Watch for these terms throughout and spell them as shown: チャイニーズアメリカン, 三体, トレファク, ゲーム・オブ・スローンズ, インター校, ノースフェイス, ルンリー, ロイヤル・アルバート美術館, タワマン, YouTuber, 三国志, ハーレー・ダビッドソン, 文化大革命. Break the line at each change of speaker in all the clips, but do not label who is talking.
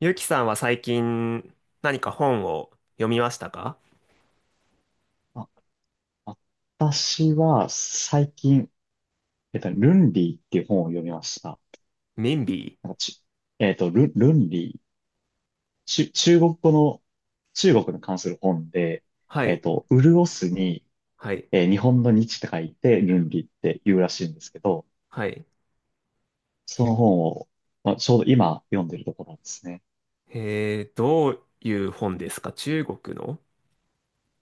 ゆきさんは最近何か本を読みましたか？
あ、私は最近、ルンリーっていう本を読みました。
ミンビ
な
ー。
んかち、えっと、ル、ルンリー、中国語の、中国に関する本で、
はい、
潤すに、
はい、
日本の日って書いて、ルンリーって言うらしいんですけど、
はい。
その本を、まあ、ちょうど今読んでるところですね。
どういう本ですか、中国の？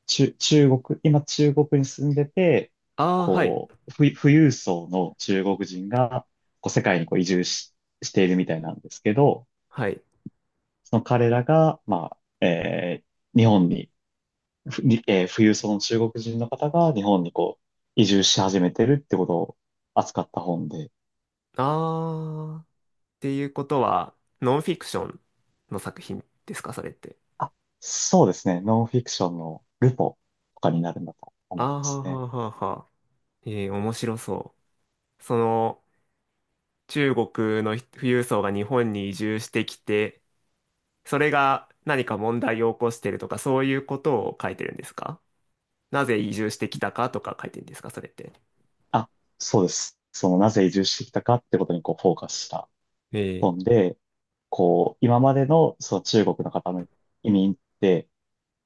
中国、今中国に住んでて、
ああー、はい、
こう、富裕層の中国人が、こう、世界にこう移住しているみたいなんですけど、
はい。
その彼らが、まあ、日本に、ふにえー富裕層の中国人の方が日本にこう、移住し始めてるってことを扱った本で、
ああ、っていうことは、ノンフィクションの作品ですか、それって？
あ、そうですね。ノンフィクションのルポとかになるんだと
あ
思いま
あ、は
す
あは
ね。
あはあはあ。面白そう。その、中国の富裕層が日本に移住してきて、それが何か問題を起こしてるとか、そういうことを書いてるんですか？なぜ移住してきたかとか書いてるんですか、それって？
あ、そうです。その、なぜ移住してきたかってことにこう、フォーカスした
ええ。
本で、こう、今までの、その中国の方の移民って、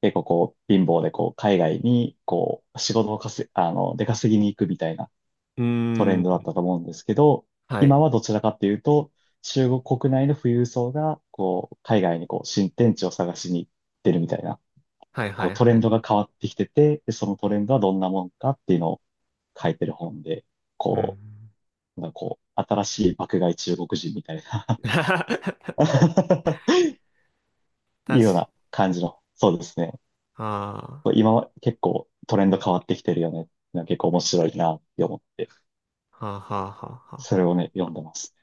結構こう、貧乏でこう、海外にこう、仕事を稼い、出稼ぎに行くみたいな、
う
トレ
ー
ンドだっ
ん。
たと思うんですけど、
はい。
今はどちらかっていうと、中国国内の富裕層が、こう、海外にこう、新天地を探しに行ってるみたいな、
はい
こ
は
う、
い
トレ
は
ン
い。
ドが変わってきてて、でそのトレンドはどんなもんかっていうのを書いてる本で、
う
こ
ん。
う、なんかこう、新しい爆買い中国人みたいな い
確
うよう
か、
な感じの、そうですね。
あ
こう今は結構トレンド変わってきてるよね。なんか結構面白いなって思って、
あ、はあはあはあは
そ
あ
れ
は
をね、読んでます。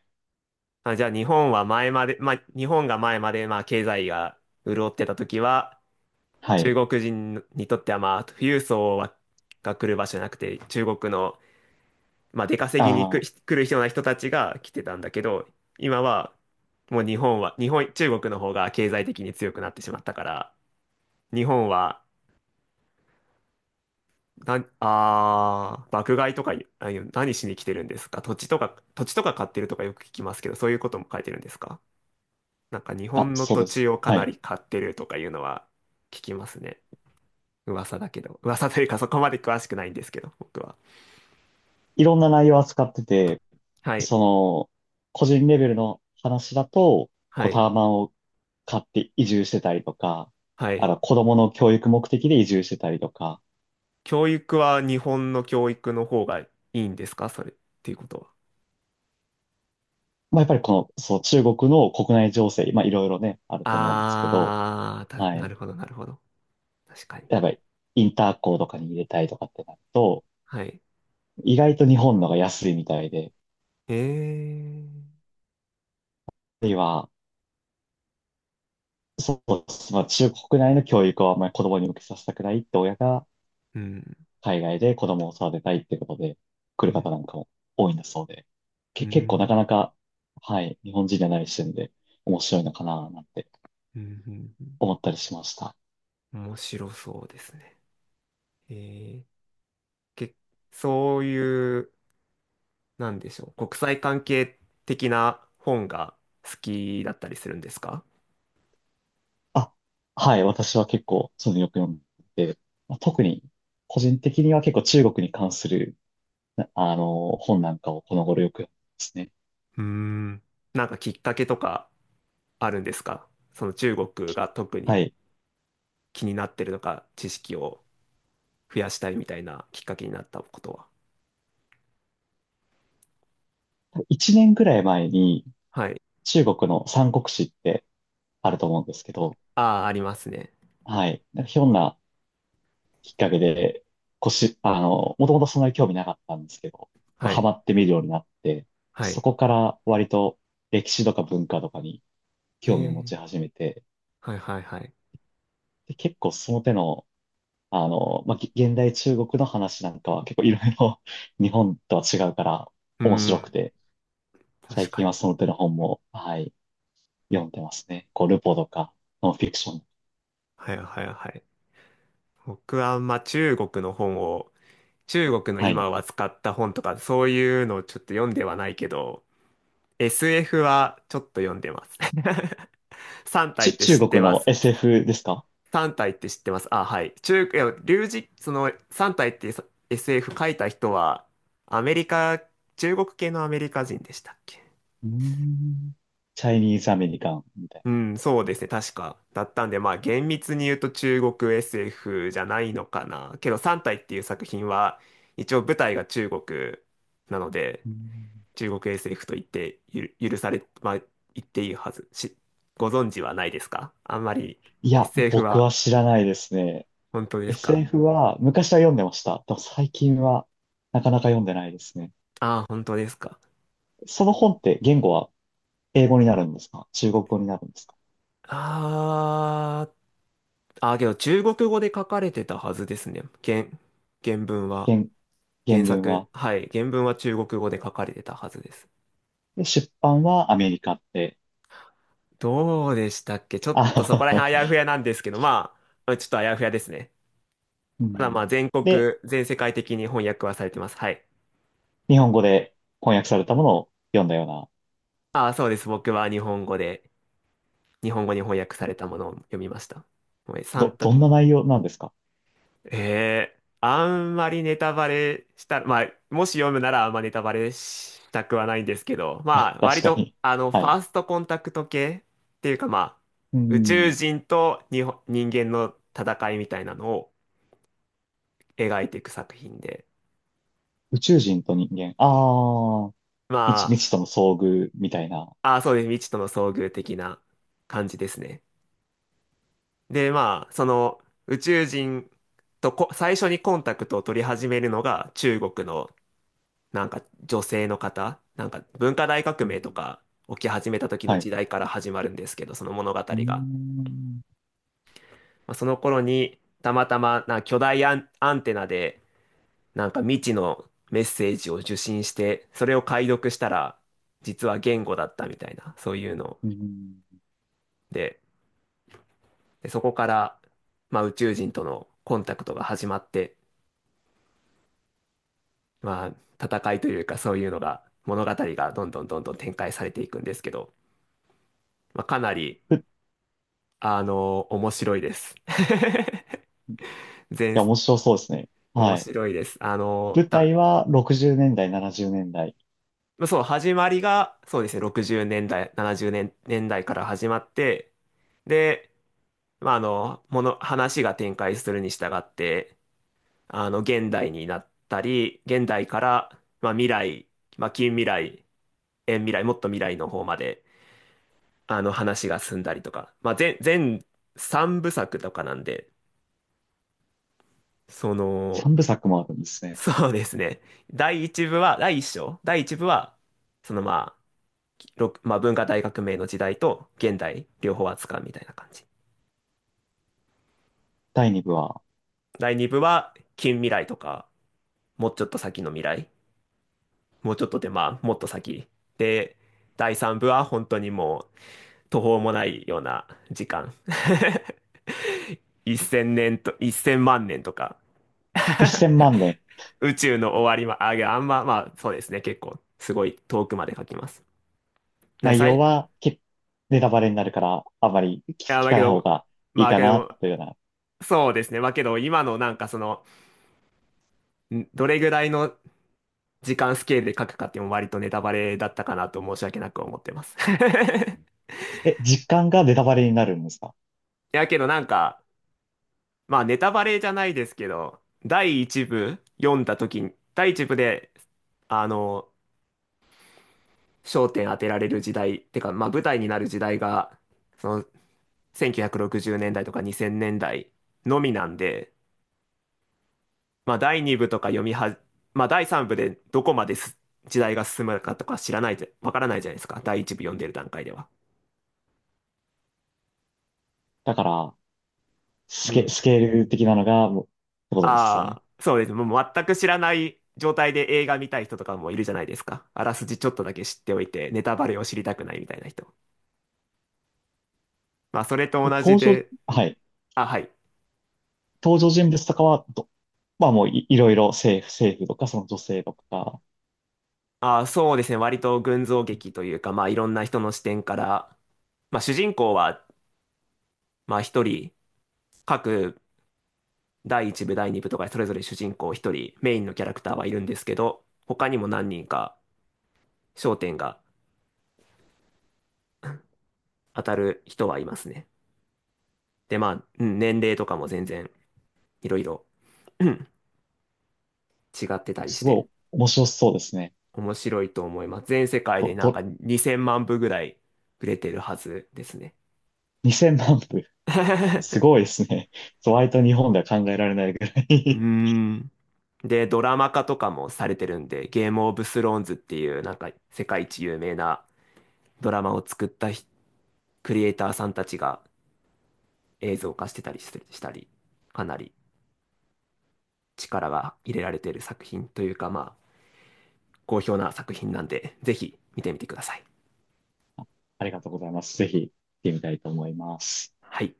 あ。あ、じゃあ日本は前まで、まあ日本が前までまあ経済が潤ってた時は、
はい。
中国人にとってはまあ富裕層はが来る場所じゃなくて、中国のまあ出
あ
稼ぎに来
ー
来る人たちが来てたんだけど、今はもう日本は、日本、中国の方が経済的に強くなってしまったから、日本は、な、あー、爆買いとか、あ、いう何しに来てるんですか、土地とか買ってるとかよく聞きますけど、そういうことも書いてるんですか？なんか日
あ、
本の
そう
土
で
地
す。
をか
は
な
い。
り買ってるとかいうのは聞きますね。噂だけど。噂というかそこまで詳しくないんですけど、僕は。
いろんな内容を扱ってて、
はい。
その、個人レベルの話だと、こ
は
うタ
い。
ワマンを買って移住してたりとか、
は
あ
い。
の、子供の教育目的で移住してたりとか、
教育は日本の教育の方がいいんですか、それっていうことは？
まあ、やっぱりこの、そう、中国の国内情勢、まあ、いろいろね、あると思うんですけど、
あー、
は
な
い。
るほど、なるほど。確かに。
やっぱり、インター校とかに入れたいとかってなると、
はい。
意外と日本のが安いみたいで、
えー。
あるいは、そう、まあ、中国内の教育をあんまり子供に向けさせたくないって親が、
うん。
海外で子供を育てたいってことで来
う
る方
ん
なんかも多いんだそうで、
う
結構なか
ん、
なか、はい、日本人じゃない視点で面白いのかななんて
うん、うん、
思ったりしました。
うん。面白そうですね。えー、け、そういう、なんでしょう、国際関係的な本が好きだったりするんですか？
あ、はい、私は結構そういうのよく読んでて、まあ、特に個人的には結構中国に関する、なあの、本なんかをこの頃よく読んでますね。
うーん。なんかきっかけとかあるんですか、その中国
き
が特
は
に
い。
気になってるとか、知識を増やしたいみたいなきっかけになったことは？
1年ぐらい前に
はい。
中国の三国志ってあると思うんですけど、
ああ、ありますね。
はい。なんかひょんなきっかけで、腰、あの、もともとそんなに興味なかったんですけど、こう
は
ハ
い。
マってみるようになって、
は
そ
い。
こから割と歴史とか文化とかに
へ
興味を
え、
持ち始めて、
はいはいはい。
で、結構その手の、あの、まあ、現代中国の話なんかは結構いろいろ 日本とは違うから
うー
面白く
ん、
て、
確
最
か
近は
に。
その手の本も、はい、読んでますね。こう、ルポとか、ノンフィクション。
はいはいはい。僕はあんま中国の本を、中国の
はい。
今は使った本とか、そういうのをちょっと読んではないけど、SF はちょっと読んでます。3体って
中
知って
国
ま
の
す？
SF ですか？
3体って知ってます？あ、はい。いや、龍神、その3体ってさ、 SF 書いた人は、アメリカ、中国系のアメリカ人でしたっけ？
うーん、チャイニーズアメリカンみたい
うん、そうですね。確か。だったんで、まあ、厳密に言うと中国 SF じゃないのかな。けど、三体っていう作品は、一応舞台が中国なので、
な。うーん、
中国 SF と言って許され、まあ、言っていいはず。ご存知はないですか、あんまり？
いや、
SF
僕
は。
は知らないですね。
本当ですか？
SF は昔は読んでました。でも最近はなかなか読んでないですね。
ああー、本当ですか。
その本って言語は英語になるんですか？中国語になるんですか？
あー、あー、けど中国語で書かれてたはずですね。原文は、
原、原
原
文
作。
は。
はい、原文は中国語で書かれてたはずです。
で、出版はアメリカって。
どうでしたっけ、ちょっとそこら
あ、
辺あやふやなんですけど、まあ、ちょっとあやふやですね。
う
ただま
ん、
あ、
で、
全世界的に翻訳はされてます。はい。
日本語で翻訳されたものを読んだような、
ああ、そうです。僕は日本語に翻訳されたものを読みました。もうサンタ、
どんな内容なんですか？
えーあんまりネタバレした、まあ、もし読むならあんまネタバレしたくはないんですけど、ま あ、
確
割
か
と、
に。
あの、フ
は
ァ
い。
ーストコンタクト系っていうか、まあ、
う
宇宙
ん。
人と人間の戦いみたいなのを描いていく作品で、
宇宙人と人間。ああ、未知、
ま
未知との遭遇みたいな。
あ、あ、そうです。未知との遭遇的な感じですね。で、まあ、その宇宙人とこ最初にコンタクトを取り始めるのが中国のなんか女性の方、なんか文化大革
う
命と
ん、
か起き始めた時の
はい。う
時代から始まるんですけど、その物語
ー
が。
ん。
まあ、その頃にたまたまなんか巨大アンテナでなんか未知のメッセージを受信して、それを解読したら実は言語だったみたいな、そういうの
うん。
で。で、そこから、まあ、宇宙人とのコンタクトが始まって、まあ、戦いというかそういうのが、物語がどんどんどんどん展開されていくんですけど、まあ、かなり、
い
あの、面白いです。全、
や、面白そうですね。
面
はい。
白いです。あの、
舞台は60年代、70年代。
まあそう、始まりが、そうですね、60年代、70年、年代から始まって、で、まあ、あの、話が展開するに従って、あの、現代になったり、現代から、まあ、未来、まあ、近未来、遠未来、もっと未来の方まで、あの、話が進んだりとか、まあ、全3部作とかなんで、その、
3部作もあるんです ね。
そうですね。第1部は、第1章、第1部は、そのまあ、まあ、文化大革命の時代と現代、両方扱うみたいな感じ。
第2部は
第2部は、近未来とか、もうちょっと先の未来、もうちょっとで、まあ、もっと先。で、第3部は本当にもう、途方もないような時間。1000年と、1000万年とか。
1000万年。
宇宙の終わりま、あ、いや、あんま、まあ、そうですね。結構、すごい遠くまで書きます。な、
内
さい、
容
い
はネタバレになるから、あまり
や、
聞
だ
か
け
ない方
ど、
がいい
まあ、
か
け
な、
ど、
というような。
そうですね。まあ、けど、今のなんかその、どれぐらいの時間スケールで書くかっていうのも割とネタバレだったかなと申し訳なく思ってます。い
え、実感がネタバレになるんですか？
や、けどなんか、まあ、ネタバレじゃないですけど、第一部読んだ時に、第一部で、あの、焦点当てられる時代、てか、まあ舞台になる時代が、その1960年代とか2000年代のみなんで、まあ第2部とか読みは、まあ第3部でどこまです時代が進むかとか知らないじゃ、わからないじゃないですか。第1部読んでる段階では。
だから、
うん。
スケール的なのが、もうってことですよね。
ああ、そうです。もう全く知らない状態で映画見たい人とかもいるじゃないですか。あらすじちょっとだけ知っておいて、ネタバレを知りたくないみたいな人。まあそれと
え
同じ
登場、
で、
はい。
あ、はい。
登場人物とかはまあもういろいろ政府とかその女性とか、
あ、そうですね。割と群像劇というか、まあいろんな人の視点から、まあ主人公は、まあ一人、各第一部、第二部とかそれぞれ主人公一人、メインのキャラクターはいるんですけど、他にも何人か焦点が当たる人はいますね。で、まあ、うん、年齢とかも全然いろいろ、うん、違ってたりし
すご
て、
い面白そうですね。
面白いと思います。全世界
と、
でなんか
と、
2000万部ぐらい売れてるはずですね。
2000万部、す ごいですね。そう割と日本では考えられないぐら
うー
い
ん。で、ドラマ化とかもされてるんで、ゲームオブスローンズっていう、なんか世界一有名なドラマを作ったクリエイターさんたちが映像化してたりしてしたり、かなり力が入れられてる作品というか、まあ、好評な作品なんで、ぜひ見てみてください。
ありがとうございます。ぜひ、見てみたいと思います。
はい。